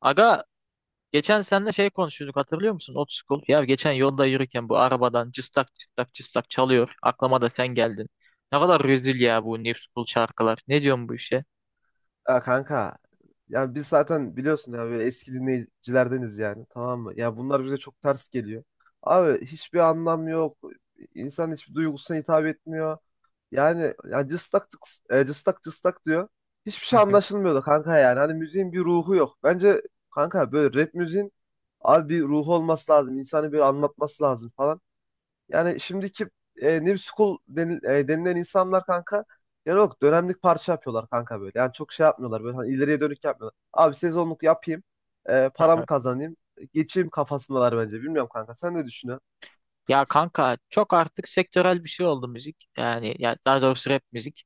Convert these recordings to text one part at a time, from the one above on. Aga geçen seninle konuşuyorduk hatırlıyor musun? Old School. Ya geçen yolda yürürken bu arabadan cıstak cıstak cıstak çalıyor. Aklıma da sen geldin. Ne kadar rezil ya bu New School şarkılar. Ne diyorsun bu işe? Ya kanka ya biz zaten biliyorsun ya böyle eski dinleyicilerdeniz yani, tamam mı? Ya bunlar bize çok ters geliyor. Abi hiçbir anlam yok. İnsan hiçbir duygusuna hitap etmiyor. Yani ya cıstak cıstak cıstak diyor. Hiçbir şey anlaşılmıyor da kanka yani. Hani müziğin bir ruhu yok. Bence kanka böyle rap müziğin abi bir ruhu olması lazım. İnsanı bir anlatması lazım falan. Yani şimdiki New School denilen insanlar kanka yani yok, dönemlik parça yapıyorlar kanka böyle. Yani çok şey yapmıyorlar böyle, hani ileriye dönük yapmıyorlar. Abi sezonluk yapayım, param kazanayım, geçeyim kafasındalar bence. Bilmiyorum kanka, sen ne düşünüyorsun? Ya kanka çok artık sektörel bir şey oldu müzik. Yani ya daha doğrusu rap müzik.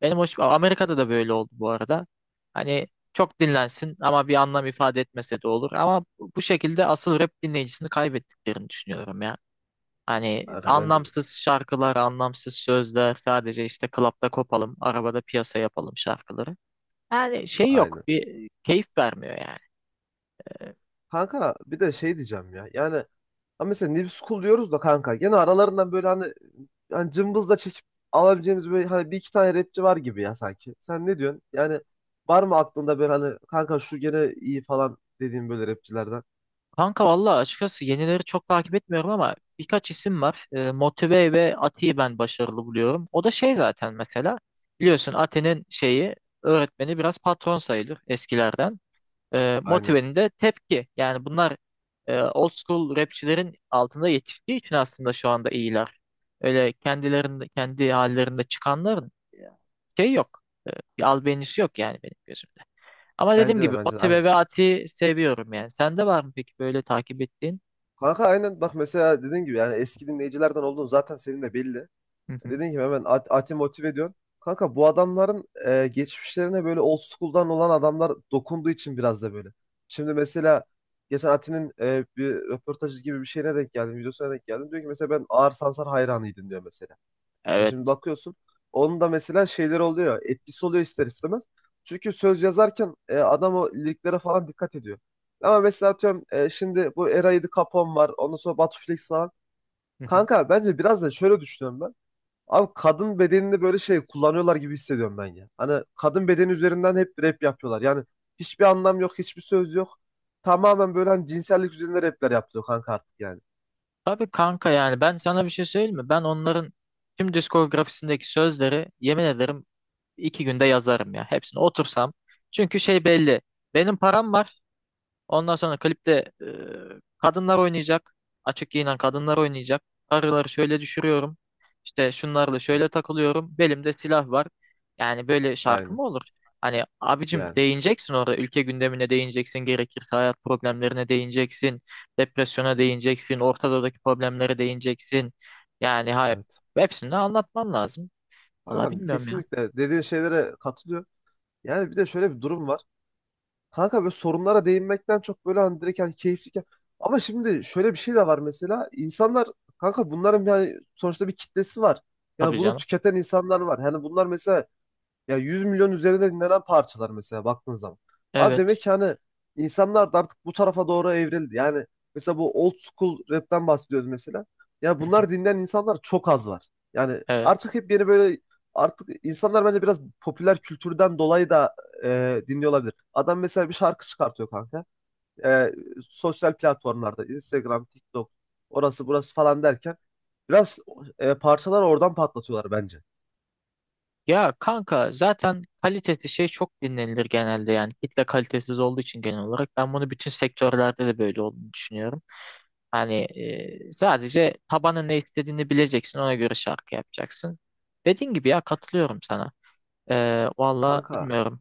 Benim hoş Amerika'da da böyle oldu bu arada. Hani çok dinlensin ama bir anlam ifade etmese de olur. Ama bu şekilde asıl rap dinleyicisini kaybettiklerini düşünüyorum ya. Hani Kanka bence de. anlamsız şarkılar, anlamsız sözler, sadece işte klapta kopalım, arabada piyasa yapalım şarkıları. Yani şey yok, Aynen. bir keyif vermiyor yani. Kanka bir de şey diyeceğim ya yani, ama mesela New School diyoruz da kanka. Yine aralarından böyle hani, hani cımbızla çekip alabileceğimiz böyle hani bir iki tane rapçi var gibi ya sanki. Sen ne diyorsun? Yani var mı aklında böyle hani kanka, şu gene iyi falan dediğim böyle rapçilerden? Kanka valla açıkçası yenileri çok takip etmiyorum ama birkaç isim var. Motive ve Ati'yi ben başarılı buluyorum. O da şey zaten mesela biliyorsun Ati'nin şeyi öğretmeni biraz patron sayılır eskilerden. E, Aynen. Motive'nin de tepki. Yani bunlar old school rapçilerin altında yetiştiği için aslında şu anda iyiler. Öyle kendilerinde kendi hallerinde çıkanların şey yok. E, bir albenisi yok yani benim gözümde. Ama Bence dediğim de, gibi bence o de, aynen. tebevaati seviyorum yani. Sende var mı peki böyle takip ettiğin? Kanka aynen, bak mesela dediğin gibi yani eski dinleyicilerden olduğun zaten senin de belli. Hı hı. Dediğim gibi hemen Ati Motive ediyorsun. Kanka bu adamların geçmişlerine böyle old school'dan olan adamlar dokunduğu için biraz da böyle. Şimdi mesela geçen Ati'nin bir röportajı gibi bir şeyine denk geldim. Videosuna denk geldim. Diyor ki mesela, ben Ağır Sansar hayranıydım diyor mesela. Ya şimdi Evet. bakıyorsun, onun da mesela şeyler oluyor. Etkisi oluyor ister istemez. Çünkü söz yazarken adam o liriklere falan dikkat ediyor. Ama mesela atıyorum şimdi bu Era 7 Capone var. Ondan sonra Batu Flex falan. Hı hı. Kanka bence biraz da şöyle düşünüyorum ben. Abi kadın bedenini böyle şey kullanıyorlar gibi hissediyorum ben ya. Hani kadın bedeni üzerinden hep rap yapıyorlar. Yani hiçbir anlam yok, hiçbir söz yok. Tamamen böyle hani cinsellik üzerine rapler yapılıyor kanka artık yani. Tabii kanka yani ben sana bir şey söyleyeyim mi? Ben onların tüm diskografisindeki sözleri yemin ederim iki günde yazarım ya. Hepsini otursam. Çünkü şey belli. Benim param var. Ondan sonra klipte e, kadınlar oynayacak. Açık giyinen kadınlar oynayacak. Karıları şöyle düşürüyorum. İşte şunlarla Evet, şöyle takılıyorum. Belimde silah var. Yani böyle şarkı aynen mı olur? Hani abicim yani, değineceksin orada. Ülke gündemine değineceksin. Gerekirse hayat problemlerine değineceksin. Depresyona değineceksin. Orta Doğu'daki problemlere değineceksin. Yani hayır. evet. Hepsini de anlatman lazım. Valla Kankam bilmiyorum ya. kesinlikle dediğin şeylere katılıyor. Yani bir de şöyle bir durum var. Kanka böyle sorunlara değinmekten çok böyle hani direkt hani keyifli. Ama şimdi şöyle bir şey de var mesela. İnsanlar kanka bunların yani sonuçta bir kitlesi var. Yani Tabii bunu canım. tüketen insanlar var. Yani bunlar mesela, ya 100 milyon üzerinde dinlenen parçalar mesela baktığın zaman. Abi Evet. demek ki hani insanlar da artık bu tarafa doğru evrildi. Yani mesela bu old school rap'ten bahsediyoruz mesela. Ya bunlar dinleyen insanlar çok az var. Yani Evet. artık hep yeni böyle, artık insanlar bence biraz popüler kültürden dolayı da dinliyor olabilir. Adam mesela bir şarkı çıkartıyor kanka. E, Sosyal platformlarda Instagram, TikTok, orası burası falan derken biraz parçalar oradan patlatıyorlar bence. Ya kanka zaten kalitesi şey çok dinlenilir genelde yani kitle kalitesiz olduğu için genel olarak ben bunu bütün sektörlerde de böyle olduğunu düşünüyorum. Hani sadece tabanın ne istediğini bileceksin ona göre şarkı yapacaksın. Dediğin gibi ya katılıyorum sana. E, valla Kanka bilmiyorum.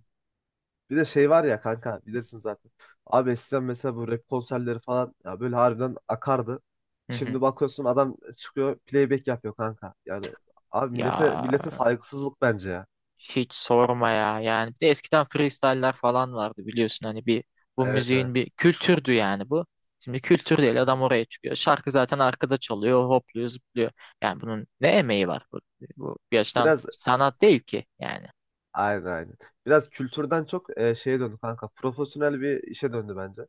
bir de şey var ya kanka, bilirsin zaten. Abi eskiden mesela bu rap konserleri falan ya böyle harbiden akardı. Hı hı. Şimdi bakıyorsun adam çıkıyor, playback yapıyor kanka. Yani abi Ya millete saygısızlık bence ya. hiç sorma ya. Yani bir de eskiden freestyle'ler falan vardı biliyorsun hani bu Evet, müziğin evet. bir kültürdü yani bu. Şimdi kültür değil Hı hı. adam oraya çıkıyor. Şarkı zaten arkada çalıyor, hopluyor, zıplıyor. Yani bunun ne emeği var? Bu bir açıdan Biraz. sanat değil ki yani. Aynen, aynen. Biraz kültürden çok şeye döndü kanka. Profesyonel bir işe döndü bence.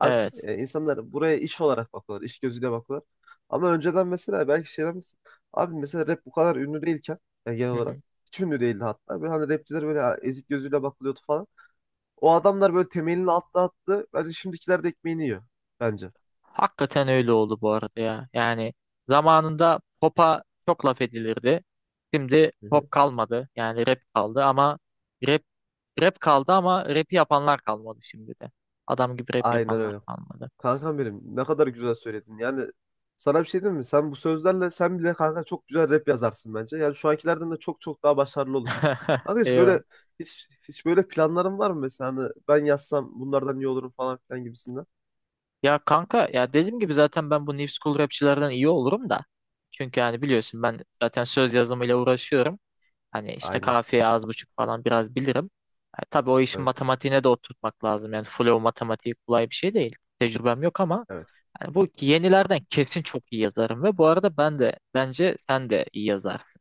Artık Evet. İnsanlar buraya iş olarak bakıyorlar. İş gözüyle bakıyorlar. Ama önceden mesela belki şey demez. Abi mesela rap bu kadar ünlü değilken, yani genel Hı olarak hı. hiç ünlü değildi hatta. Böyle hani rapçiler böyle ezik gözüyle bakılıyordu falan. O adamlar böyle temelini attı. Bence şimdikiler de ekmeğini yiyor. Bence. Hakikaten öyle oldu bu arada ya. Yani zamanında pop'a çok laf edilirdi. Şimdi Hı hı. pop kalmadı. Yani rap kaldı ama rap Rap kaldı ama rap'i yapanlar kalmadı şimdi de. Adam gibi rap Aynen yapanlar öyle. kalmadı. Kankam benim, ne kadar güzel söyledin. Yani sana bir şey diyeyim mi? Sen bu sözlerle sen bile kanka çok güzel rap yazarsın bence. Yani şu ankilerden de çok çok daha başarılı olursun. Kanka hiç Eyvah. böyle hiç, hiç böyle planların var mı mesela? Hani ben yazsam bunlardan iyi olurum falan filan gibisinden. Ya kanka ya dediğim gibi zaten ben bu New School rapçilerden iyi olurum da. Çünkü yani biliyorsun ben zaten söz yazımıyla uğraşıyorum. Hani işte Aynen. kafiye az buçuk falan biraz bilirim. Tabi tabii o işin Evet. matematiğine de oturtmak lazım. Yani flow matematiği kolay bir şey değil. Tecrübem yok ama Evet. yani bu yenilerden kesin çok iyi yazarım ve bu arada ben de bence sen de iyi yazarsın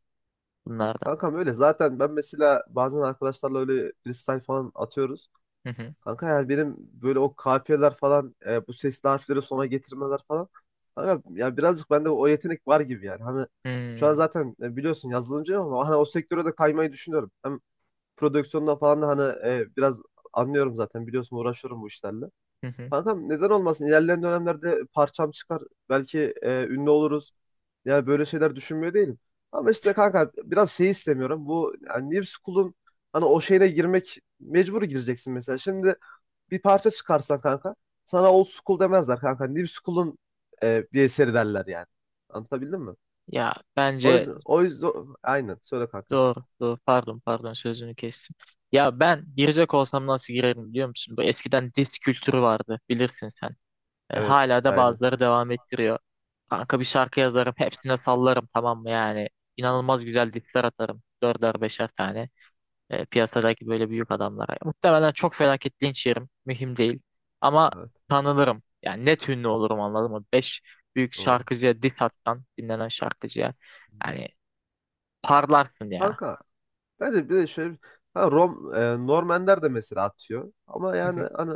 bunlardan. Kankam öyle. Zaten ben mesela bazen arkadaşlarla öyle freestyle falan atıyoruz. Hı hı. Kanka yani benim böyle o kafiyeler falan, bu sesli harfleri sona getirmeler falan. Kanka ya birazcık bende o yetenek var gibi yani. Hani şu an Hmm. zaten biliyorsun yazılımcıyım ama hani o sektöre de kaymayı düşünüyorum. Hem prodüksiyondan falan da hani biraz anlıyorum, zaten biliyorsun uğraşıyorum bu işlerle. Hı hı. Kanka, neden olmasın, ilerleyen dönemlerde parçam çıkar. Belki ünlü oluruz. Yani böyle şeyler düşünmüyor değilim. Ama işte kanka biraz şey istemiyorum. Bu yani New School'un hani o şeyine girmek, mecbur gireceksin mesela. Şimdi bir parça çıkarsan kanka, sana old school demezler kanka. New school'un bir eseri derler yani. Anlatabildim mi? Ya O bence yüzden, o yüzden aynen söyle kanka. doğru, doğru. Pardon, pardon sözünü kestim. Ya ben girecek olsam nasıl girerim biliyor musun? Bu eskiden disk kültürü vardı bilirsin sen. E, Evet, hala da aynen. bazıları devam ettiriyor. Kanka bir şarkı yazarım hepsine sallarım tamam mı yani. İnanılmaz güzel diskler atarım. Dörder beşer tane. Piyasadaki böyle büyük adamlara. Muhtemelen çok felaket linç yerim. Mühim değil. Ama Evet, tanınırım. Yani net ünlü olurum anladın mı? Beş büyük doğru. şarkıcıya diss atsan dinlenen şarkıcıya. Yani parlarsın ya. Kanka bence bir de şöyle Normanler de mesela atıyor. Ama Hı yani hı, hani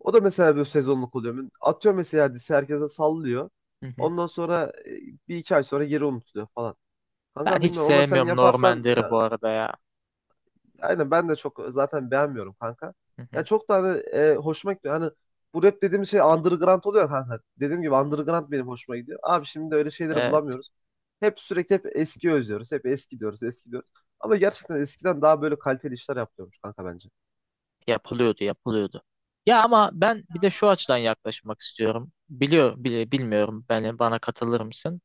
o da mesela bir sezonluk oluyor. Atıyor mesela, dizi herkese sallıyor. hı hı. Ondan sonra bir iki ay sonra geri unutuluyor falan. Ben Kanka hiç bilmiyorum ama sen sevmiyorum yaparsan, Normander'i bu arada ya. aynen ben de çok zaten beğenmiyorum kanka. Hı Ya hı. çok da hani hoşuma gidiyor. Hani bu rap dediğim şey underground oluyor kanka. Dediğim gibi underground benim hoşuma gidiyor. Abi şimdi öyle şeyleri Evet, bulamıyoruz. Hep sürekli hep eski özlüyoruz. Hep eski diyoruz, eski diyoruz. Ama gerçekten eskiden daha böyle kaliteli işler yapıyormuş kanka bence. Yapılıyordu. Ya ama ben bir de şu açıdan yaklaşmak istiyorum. Bilmiyorum beni bana katılır mısın?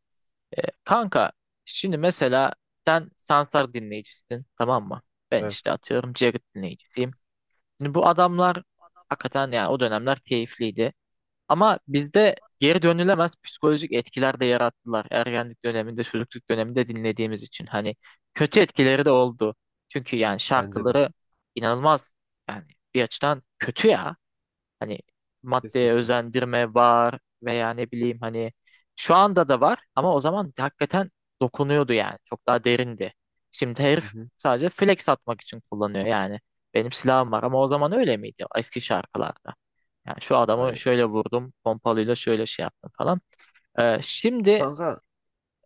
Kanka, şimdi mesela sen Sansar dinleyicisin, tamam mı? Ben Evet, işte atıyorum Jagged dinleyicisiyim. Şimdi bu adamlar hakikaten yani o dönemler keyifliydi. Ama bizde geri dönülemez psikolojik etkiler de yarattılar. Ergenlik döneminde, çocukluk döneminde dinlediğimiz için. Hani kötü etkileri de oldu. Çünkü yani bence de. şarkıları inanılmaz yani bir açıdan kötü ya. Hani maddeye Kesinlikle. özendirme var veya ne bileyim hani şu anda da var ama o zaman hakikaten dokunuyordu yani. Çok daha derindi. Şimdi Hı herif hı. sadece flex atmak için kullanıyor yani. Benim silahım var ama o zaman öyle miydi eski şarkılarda? Yani şu adamı Aynen. şöyle vurdum, pompalıyla şöyle şey yaptım falan. Şimdi Kanka,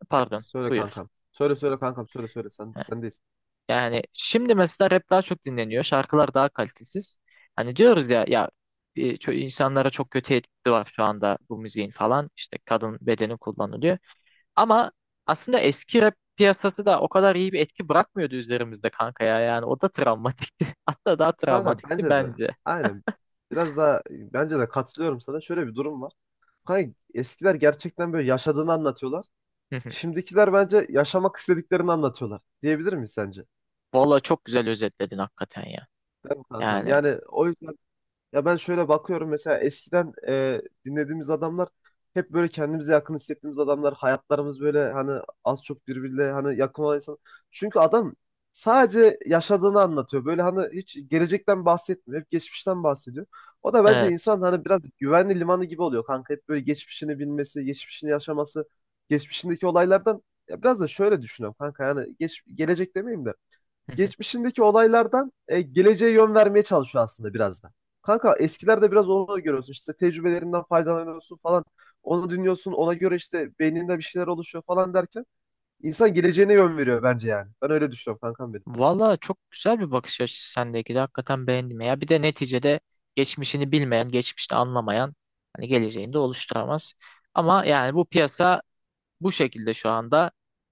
pardon, söyle buyur. kankam. Söyle söyle kankam, söyle söyle. Sen sendeyiz. Yani şimdi mesela rap daha çok dinleniyor. Şarkılar daha kalitesiz. Hani diyoruz ya ya insanlara çok kötü etkisi var şu anda bu müziğin falan. İşte kadın bedeni kullanılıyor. Ama aslında eski rap piyasası da o kadar iyi bir etki bırakmıyordu üzerimizde kanka ya. Yani o da travmatikti. Hatta daha Kanka travmatikti bence de. bence. Aynen. Biraz daha bence de katılıyorum sana. Şöyle bir durum var. Kanka eskiler gerçekten böyle yaşadığını anlatıyorlar. Şimdikiler bence yaşamak istediklerini anlatıyorlar. Diyebilir miyiz sence? Valla çok güzel özetledin hakikaten ya. Kankam Yani yani o yüzden, ya ben şöyle bakıyorum mesela eskiden dinlediğimiz adamlar hep böyle kendimize yakın hissettiğimiz adamlar. Hayatlarımız böyle hani az çok birbiriyle hani yakın olan insan. Çünkü adam sadece yaşadığını anlatıyor. Böyle hani hiç gelecekten bahsetmiyor. Hep geçmişten bahsediyor. O da bence evet. insan hani biraz güvenli limanı gibi oluyor kanka. Hep böyle geçmişini bilmesi, geçmişini yaşaması, geçmişindeki olaylardan, ya biraz da şöyle düşünüyorum kanka. Yani gelecek demeyeyim de, geçmişindeki olaylardan geleceğe yön vermeye çalışıyor aslında biraz da. Kanka eskilerde biraz onu görüyorsun. İşte tecrübelerinden faydalanıyorsun falan. Onu dinliyorsun. Ona göre işte beyninde bir şeyler oluşuyor falan derken insan geleceğine yön veriyor bence yani. Ben öyle düşünüyorum kankam benim. Valla çok güzel bir bakış açısı sendeki de hakikaten beğendim ya. Bir de neticede geçmişini bilmeyen, geçmişte anlamayan hani geleceğini de oluşturamaz. Ama yani bu piyasa bu şekilde şu anda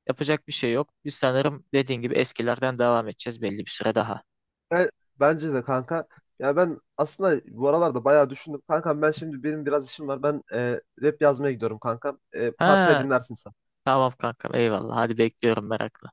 yapacak bir şey yok. Biz sanırım dediğin gibi eskilerden devam edeceğiz belli bir süre daha. Ben- bence de kanka. Ya ben aslında bu aralarda bayağı düşündüm. Kankam ben şimdi, benim biraz işim var. Ben rap yazmaya gidiyorum kankam. Ha, Parçayı dinlersin sen. tamam kankam eyvallah hadi bekliyorum merakla.